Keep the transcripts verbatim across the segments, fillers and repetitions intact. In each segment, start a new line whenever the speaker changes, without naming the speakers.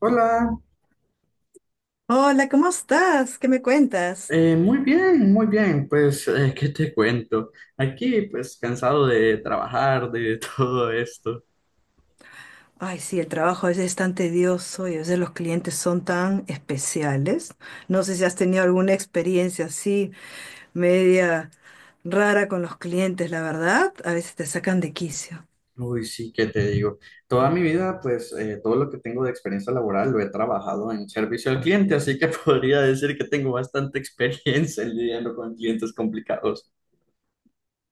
Hola,
Hola, ¿cómo estás? ¿Qué me cuentas?
eh, muy bien, muy bien. Pues, eh, ¿qué te cuento? Aquí, pues, cansado de trabajar, de todo esto.
Ay, sí, el trabajo a veces es tan tedioso y a veces los clientes son tan especiales. No sé si has tenido alguna experiencia así, media rara con los clientes, la verdad. A veces te sacan de quicio.
Uy, sí, ¿qué te digo? Toda mi vida, pues, eh, todo lo que tengo de experiencia laboral lo he trabajado en servicio al cliente, así que podría decir que tengo bastante experiencia lidiando con clientes complicados.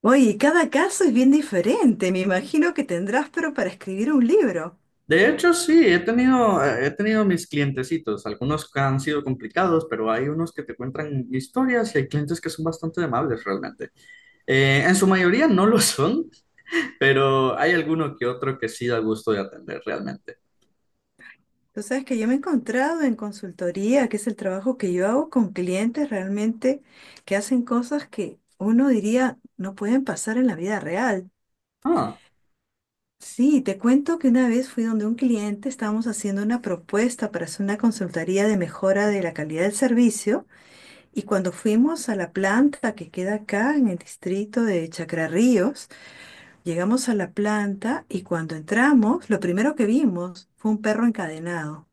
Oye, y cada caso es bien diferente. Me imagino que tendrás, pero para escribir un libro.
De hecho, sí, he tenido, eh, he tenido mis clientecitos, algunos que han sido complicados, pero hay unos que te cuentan historias y hay clientes que son bastante amables realmente. Eh, en su mayoría no lo son, pero hay alguno que otro que sí da gusto de atender realmente.
Tú sabes que yo me he encontrado en consultoría, que es el trabajo que yo hago con clientes realmente que hacen cosas que uno diría no pueden pasar en la vida real.
Ah,
Sí, te cuento que una vez fui donde un cliente, estábamos haciendo una propuesta para hacer una consultoría de mejora de la calidad del servicio y cuando fuimos a la planta que queda acá en el distrito de Chacrarríos, llegamos a la planta y cuando entramos, lo primero que vimos fue un perro encadenado,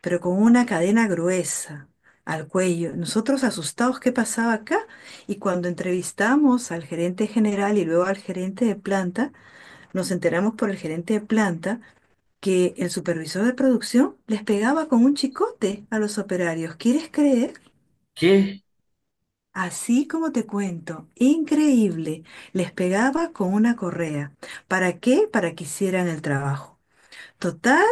pero con una cadena gruesa al cuello. Nosotros asustados, ¿qué pasaba acá? Y cuando entrevistamos al gerente general y luego al gerente de planta, nos enteramos por el gerente de planta que el supervisor de producción les pegaba con un chicote a los operarios. ¿Quieres creer?
¿qué?
Así como te cuento, increíble, les pegaba con una correa. ¿Para qué? Para que hicieran el trabajo. Total,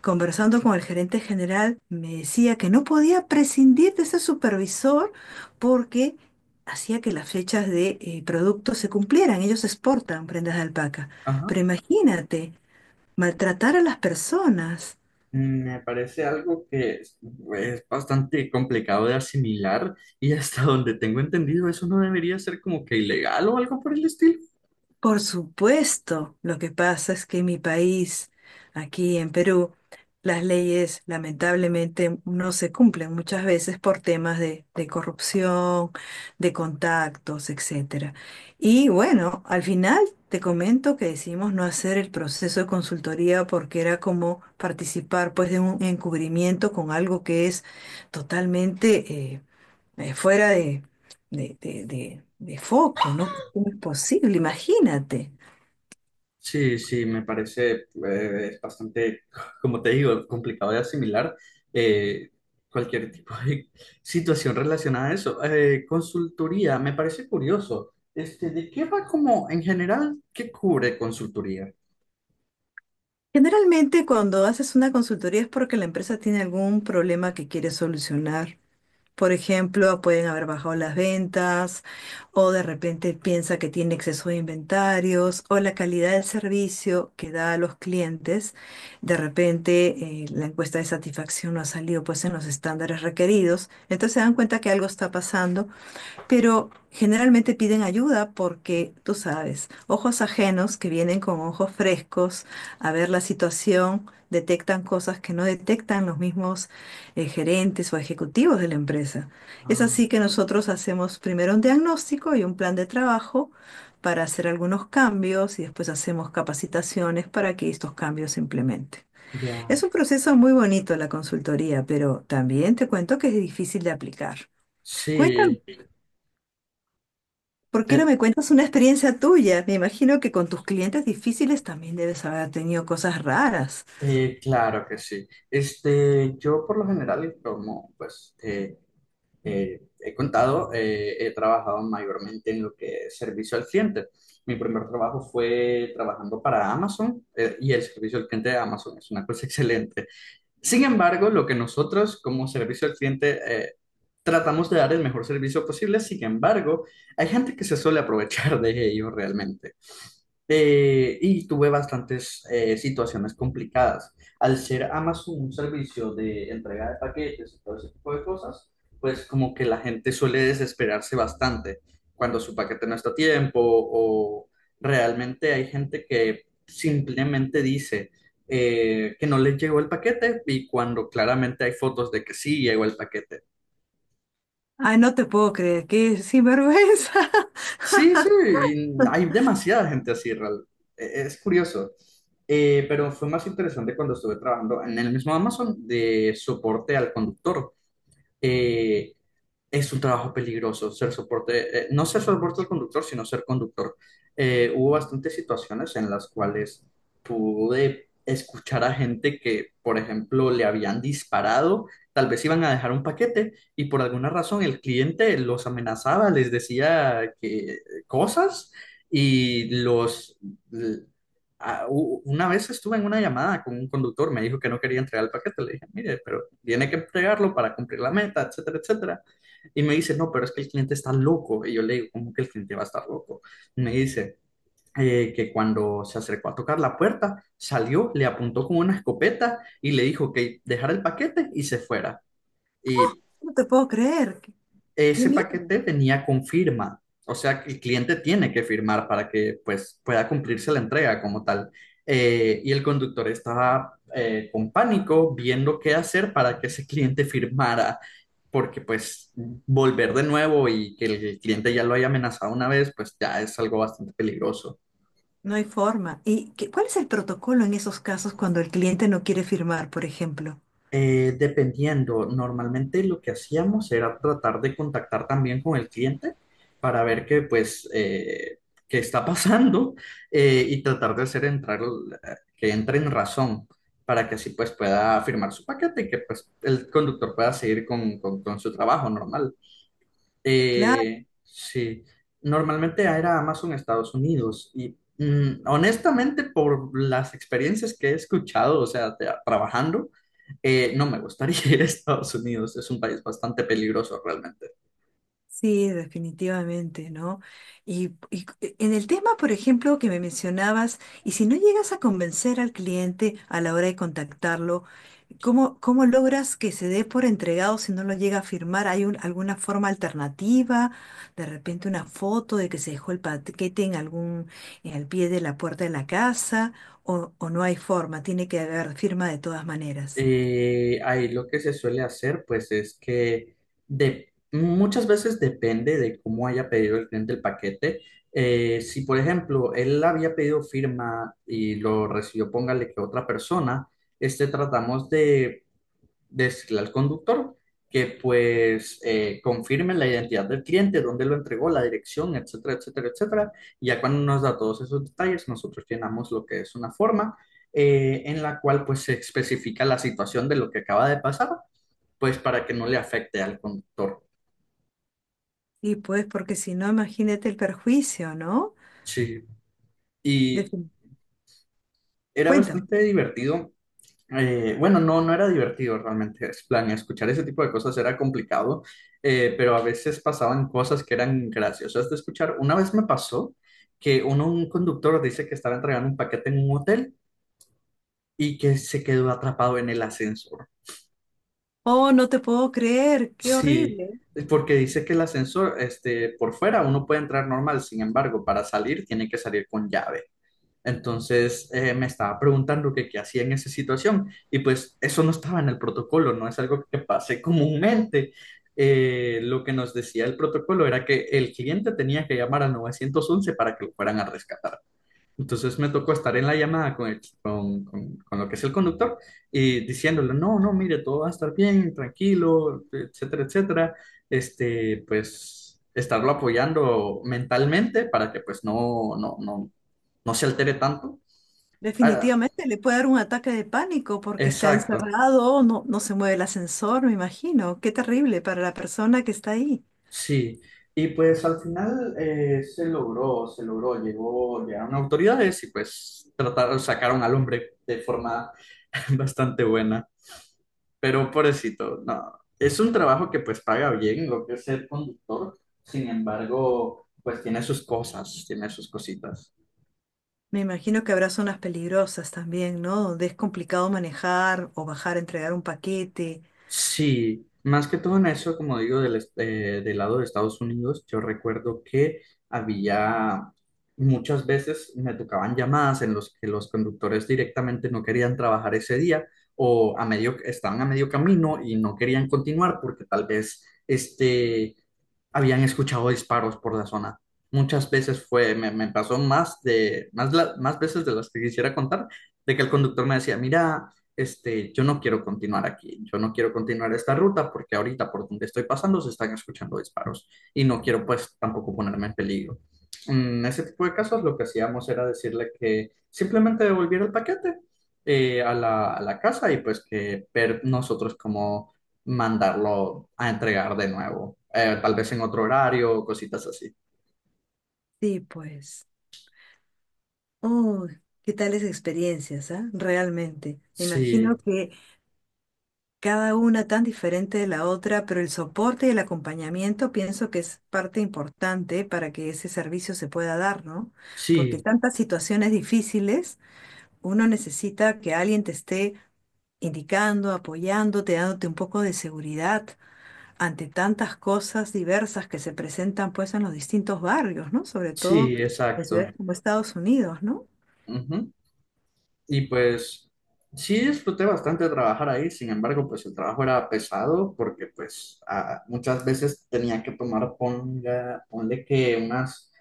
conversando con el gerente general, me decía que no podía prescindir de ese supervisor porque hacía que las fechas de eh, productos se cumplieran. Ellos exportan prendas de alpaca.
Ajá.
Pero imagínate, maltratar a las personas.
Me parece algo que es, es bastante complicado de asimilar y hasta donde tengo entendido eso no debería ser como que ilegal o algo por el estilo.
Por supuesto, lo que pasa es que en mi país, aquí en Perú, las leyes lamentablemente no se cumplen muchas veces por temas de, de corrupción, de contactos, etcétera. Y bueno, al final te comento que decidimos no hacer el proceso de consultoría porque era como participar pues de un encubrimiento con algo que es totalmente... eh, eh, fuera de, de, de- de- de foco, ¿no? ¿Cómo es posible? Imagínate.
Sí, sí, me parece, eh, es bastante, como te digo, complicado de asimilar, eh, cualquier tipo de situación relacionada a eso. Eh, consultoría, me parece curioso. Este, ¿de qué va como en general? ¿Qué cubre consultoría?
Generalmente cuando haces una consultoría es porque la empresa tiene algún problema que quiere solucionar. Por ejemplo, pueden haber bajado las ventas o de repente piensa que tiene exceso de inventarios o la calidad del servicio que da a los clientes. De repente eh, la encuesta de satisfacción no ha salido pues en los estándares requeridos. Entonces se dan cuenta que algo está pasando. Pero generalmente piden ayuda porque, tú sabes, ojos ajenos que vienen con ojos frescos a ver la situación, detectan cosas que no detectan los mismos eh, gerentes o ejecutivos de la empresa. Es
Ah,
así que nosotros hacemos primero un diagnóstico y un plan de trabajo para hacer algunos cambios y después hacemos capacitaciones para que estos cambios se implementen.
ya.
Es un proceso muy bonito la consultoría, pero también te cuento que es difícil de aplicar. Cuéntame.
Sí,
¿Por qué no
eh,
me cuentas una experiencia tuya? Me imagino que con tus clientes difíciles también debes haber tenido cosas raras.
eh, claro que sí. Este, yo por lo general, como pues, eh, eh, he contado, eh, he trabajado mayormente en lo que es servicio al cliente. Mi primer trabajo fue trabajando para Amazon, eh, y el servicio al cliente de Amazon es una cosa excelente. Sin embargo, lo que nosotros como servicio al cliente, eh, tratamos de dar el mejor servicio posible. Sin embargo, hay gente que se suele aprovechar de ello realmente. Eh, y tuve bastantes, eh, situaciones complicadas. Al ser Amazon un servicio de entrega de paquetes y todo ese tipo de cosas, pues como que la gente suele desesperarse bastante cuando su paquete no está a tiempo, o realmente hay gente que simplemente dice, eh, que no les llegó el paquete, y cuando claramente hay fotos de que sí llegó el paquete.
Ay, no te puedo creer, qué sinvergüenza.
Sí, sí, hay demasiada gente así, real- e- es curioso. Eh, pero fue más interesante cuando estuve trabajando en el mismo Amazon de soporte al conductor. Eh, es un trabajo peligroso ser soporte. Eh, no ser soporte al conductor, sino ser conductor. Eh, hubo bastantes situaciones en las cuales pude escuchar a gente que, por ejemplo, le habían disparado, tal vez iban a dejar un paquete y por alguna razón el cliente los amenazaba, les decía que cosas y los... l- a- u- una vez estuve en una llamada con un conductor, me dijo que no quería entregar el paquete. Le dije, mire, pero tiene que entregarlo para cumplir la meta, etcétera, etcétera. Y me dice, no, pero es que el cliente está loco. Y yo le digo, ¿cómo que el cliente va a estar loco? Me dice, eh, que cuando se acercó a tocar la puerta, salió, le apuntó con una escopeta y le dijo que dejara el paquete y se fuera. Y
No te puedo creer, qué, qué
ese
miedo.
paquete venía con firma. O sea, el cliente tiene que firmar para que pues, pueda cumplirse la entrega como tal. Eh, y el conductor estaba, eh, con pánico viendo qué hacer para que ese cliente firmara, porque pues volver de nuevo y que el cliente ya lo haya amenazado una vez, pues ya es algo bastante peligroso.
No hay forma. ¿Y qué- cuál es el protocolo en esos casos cuando el cliente no quiere firmar, por ejemplo?
Eh, dependiendo, normalmente lo que hacíamos era tratar de contactar también con el cliente para ver qué, pues, eh, qué está pasando, eh, y tratar de hacer entrar, eh, que entre en razón para que así pues pueda firmar su paquete y que pues el conductor pueda seguir con, con con su trabajo normal.
Claro.
Eh, sí, normalmente era Amazon Estados Unidos y, mm, honestamente por las experiencias que he escuchado, o sea, de- trabajando, eh, no me gustaría ir a Estados Unidos. Es un país bastante peligroso realmente.
Sí, definitivamente, ¿no? Y, y c- en el tema, por ejemplo, que me mencionabas, y si no llegas a convencer al cliente a la hora de contactarlo, ¿cómo, cómo logras que se dé por entregado si no lo llega a firmar? ¿Hay un- alguna forma alternativa? De repente una foto de que se dejó el paquete en algún, en el pie de la puerta de la casa, o, o no hay forma, tiene que haber firma de todas maneras.
Eh, ahí lo que se suele hacer, pues, es que, de, muchas veces depende de cómo haya pedido el cliente el paquete. Eh, si, por ejemplo, él había pedido firma y lo recibió, póngale que otra persona, este, tratamos de decirle al conductor que pues, eh, confirme la identidad del cliente, dónde lo entregó, la dirección, etcétera, etcétera, etcétera. Y ya cuando nos da todos esos detalles, nosotros llenamos lo que es una forma, eh, en la cual pues se especifica la situación de lo que acaba de pasar, pues para que no le afecte al conductor.
Y pues, porque si no, imagínate el perjuicio, ¿no?
Sí. Y
Defin-
era
Cuéntame.
bastante divertido. Eh, bueno, no, no era divertido realmente. Es plan, escuchar ese tipo de cosas era complicado, eh, pero a veces pasaban cosas que eran graciosas de escuchar. Una vez me pasó que uno, un conductor dice que estaba entregando un paquete en un hotel y que se quedó atrapado en el ascensor.
Oh, no te puedo creer, qué
Sí,
horrible.
porque dice que el ascensor, este, por fuera uno puede entrar normal, sin embargo, para salir tiene que salir con llave. Entonces, eh, me estaba preguntando que qué hacía en esa situación, y pues eso no estaba en el protocolo, no es algo que pase comúnmente. Eh, lo que nos decía el protocolo era que el cliente tenía que llamar al nueve once para que lo fueran a rescatar. Entonces me tocó estar en la llamada con, el- con, con- con lo que es el conductor, y diciéndole, no, no, mire, todo va a estar bien, tranquilo, etcétera, etcétera. Este, pues, estarlo apoyando mentalmente para que pues no, no, no, no se altere tanto. Ah,
Definitivamente le puede dar un ataque de pánico porque está
exacto,
encerrado, no, no se mueve el ascensor, me imagino. Qué terrible para la persona que está ahí.
sí. Y pues al final, eh, se logró, se logró, llegó, llegaron autoridades y pues trataron, sacaron al hombre de forma bastante buena. Pero pobrecito, no. Es un trabajo que pues paga bien, lo que es ser conductor. Sin embargo, pues tiene sus cosas, tiene sus cositas.
Me imagino que habrá zonas peligrosas también, ¿no? Donde es complicado manejar o bajar a entregar un paquete.
Sí, más que todo en eso, como digo, del, est- eh, del lado de Estados Unidos, yo recuerdo que había muchas veces me tocaban llamadas en los que los conductores directamente no querían trabajar ese día, o a medio, estaban a medio camino y no querían continuar porque tal vez este, habían escuchado disparos por la zona. Muchas veces fue, me, me pasó, más de, más, la- más veces de las que quisiera contar, de que el conductor me decía, mira, este, yo no quiero continuar aquí, yo no quiero continuar esta ruta porque ahorita por donde estoy pasando se están escuchando disparos y no quiero pues tampoco ponerme en peligro. En ese tipo de casos lo que hacíamos era decirle que simplemente devolviera el paquete, eh, a la, a la casa, y pues que ver nosotros cómo mandarlo a entregar de nuevo, eh, tal vez en otro horario, cositas así.
Sí, pues. Uy, qué tales experiencias, ¿ah? Realmente. Me imagino
Sí,
que cada una tan diferente de la otra, pero el soporte y el acompañamiento pienso que es parte importante para que ese servicio se pueda dar, ¿no? Porque
sí,
tantas situaciones difíciles, uno necesita que alguien te esté indicando, apoyándote, dándote un poco de seguridad ante tantas cosas diversas que se presentan pues en los distintos barrios, ¿no? Sobre todo
sí,
en ciudades
exacto.
como Estados Unidos, ¿no?
Ujú. Y pues sí disfruté bastante trabajar ahí, sin embargo, pues el trabajo era pesado porque pues, ah, muchas veces tenía que tomar, ponga, ponle que unas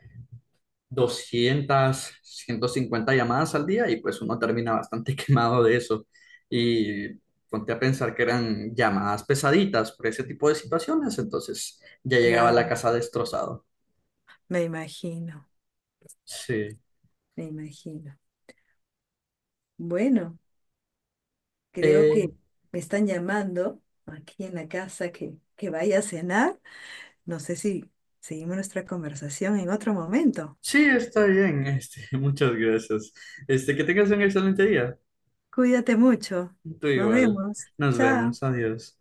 doscientas ciento cincuenta llamadas al día, y pues uno termina bastante quemado de eso. Y ponte a pensar que eran llamadas pesaditas por ese tipo de situaciones, entonces ya llegaba a la
Claro,
casa destrozado.
me imagino,
Sí.
me imagino. Bueno. Creo que
Eh,
me están llamando aquí en la casa que, que vaya a cenar. No sé si seguimos nuestra conversación en otro momento.
sí, está bien, este, muchas gracias. Este, que tengas un excelente día.
Cuídate mucho.
Tú
Nos
igual.
vemos.
Nos
Chao.
vemos. Adiós.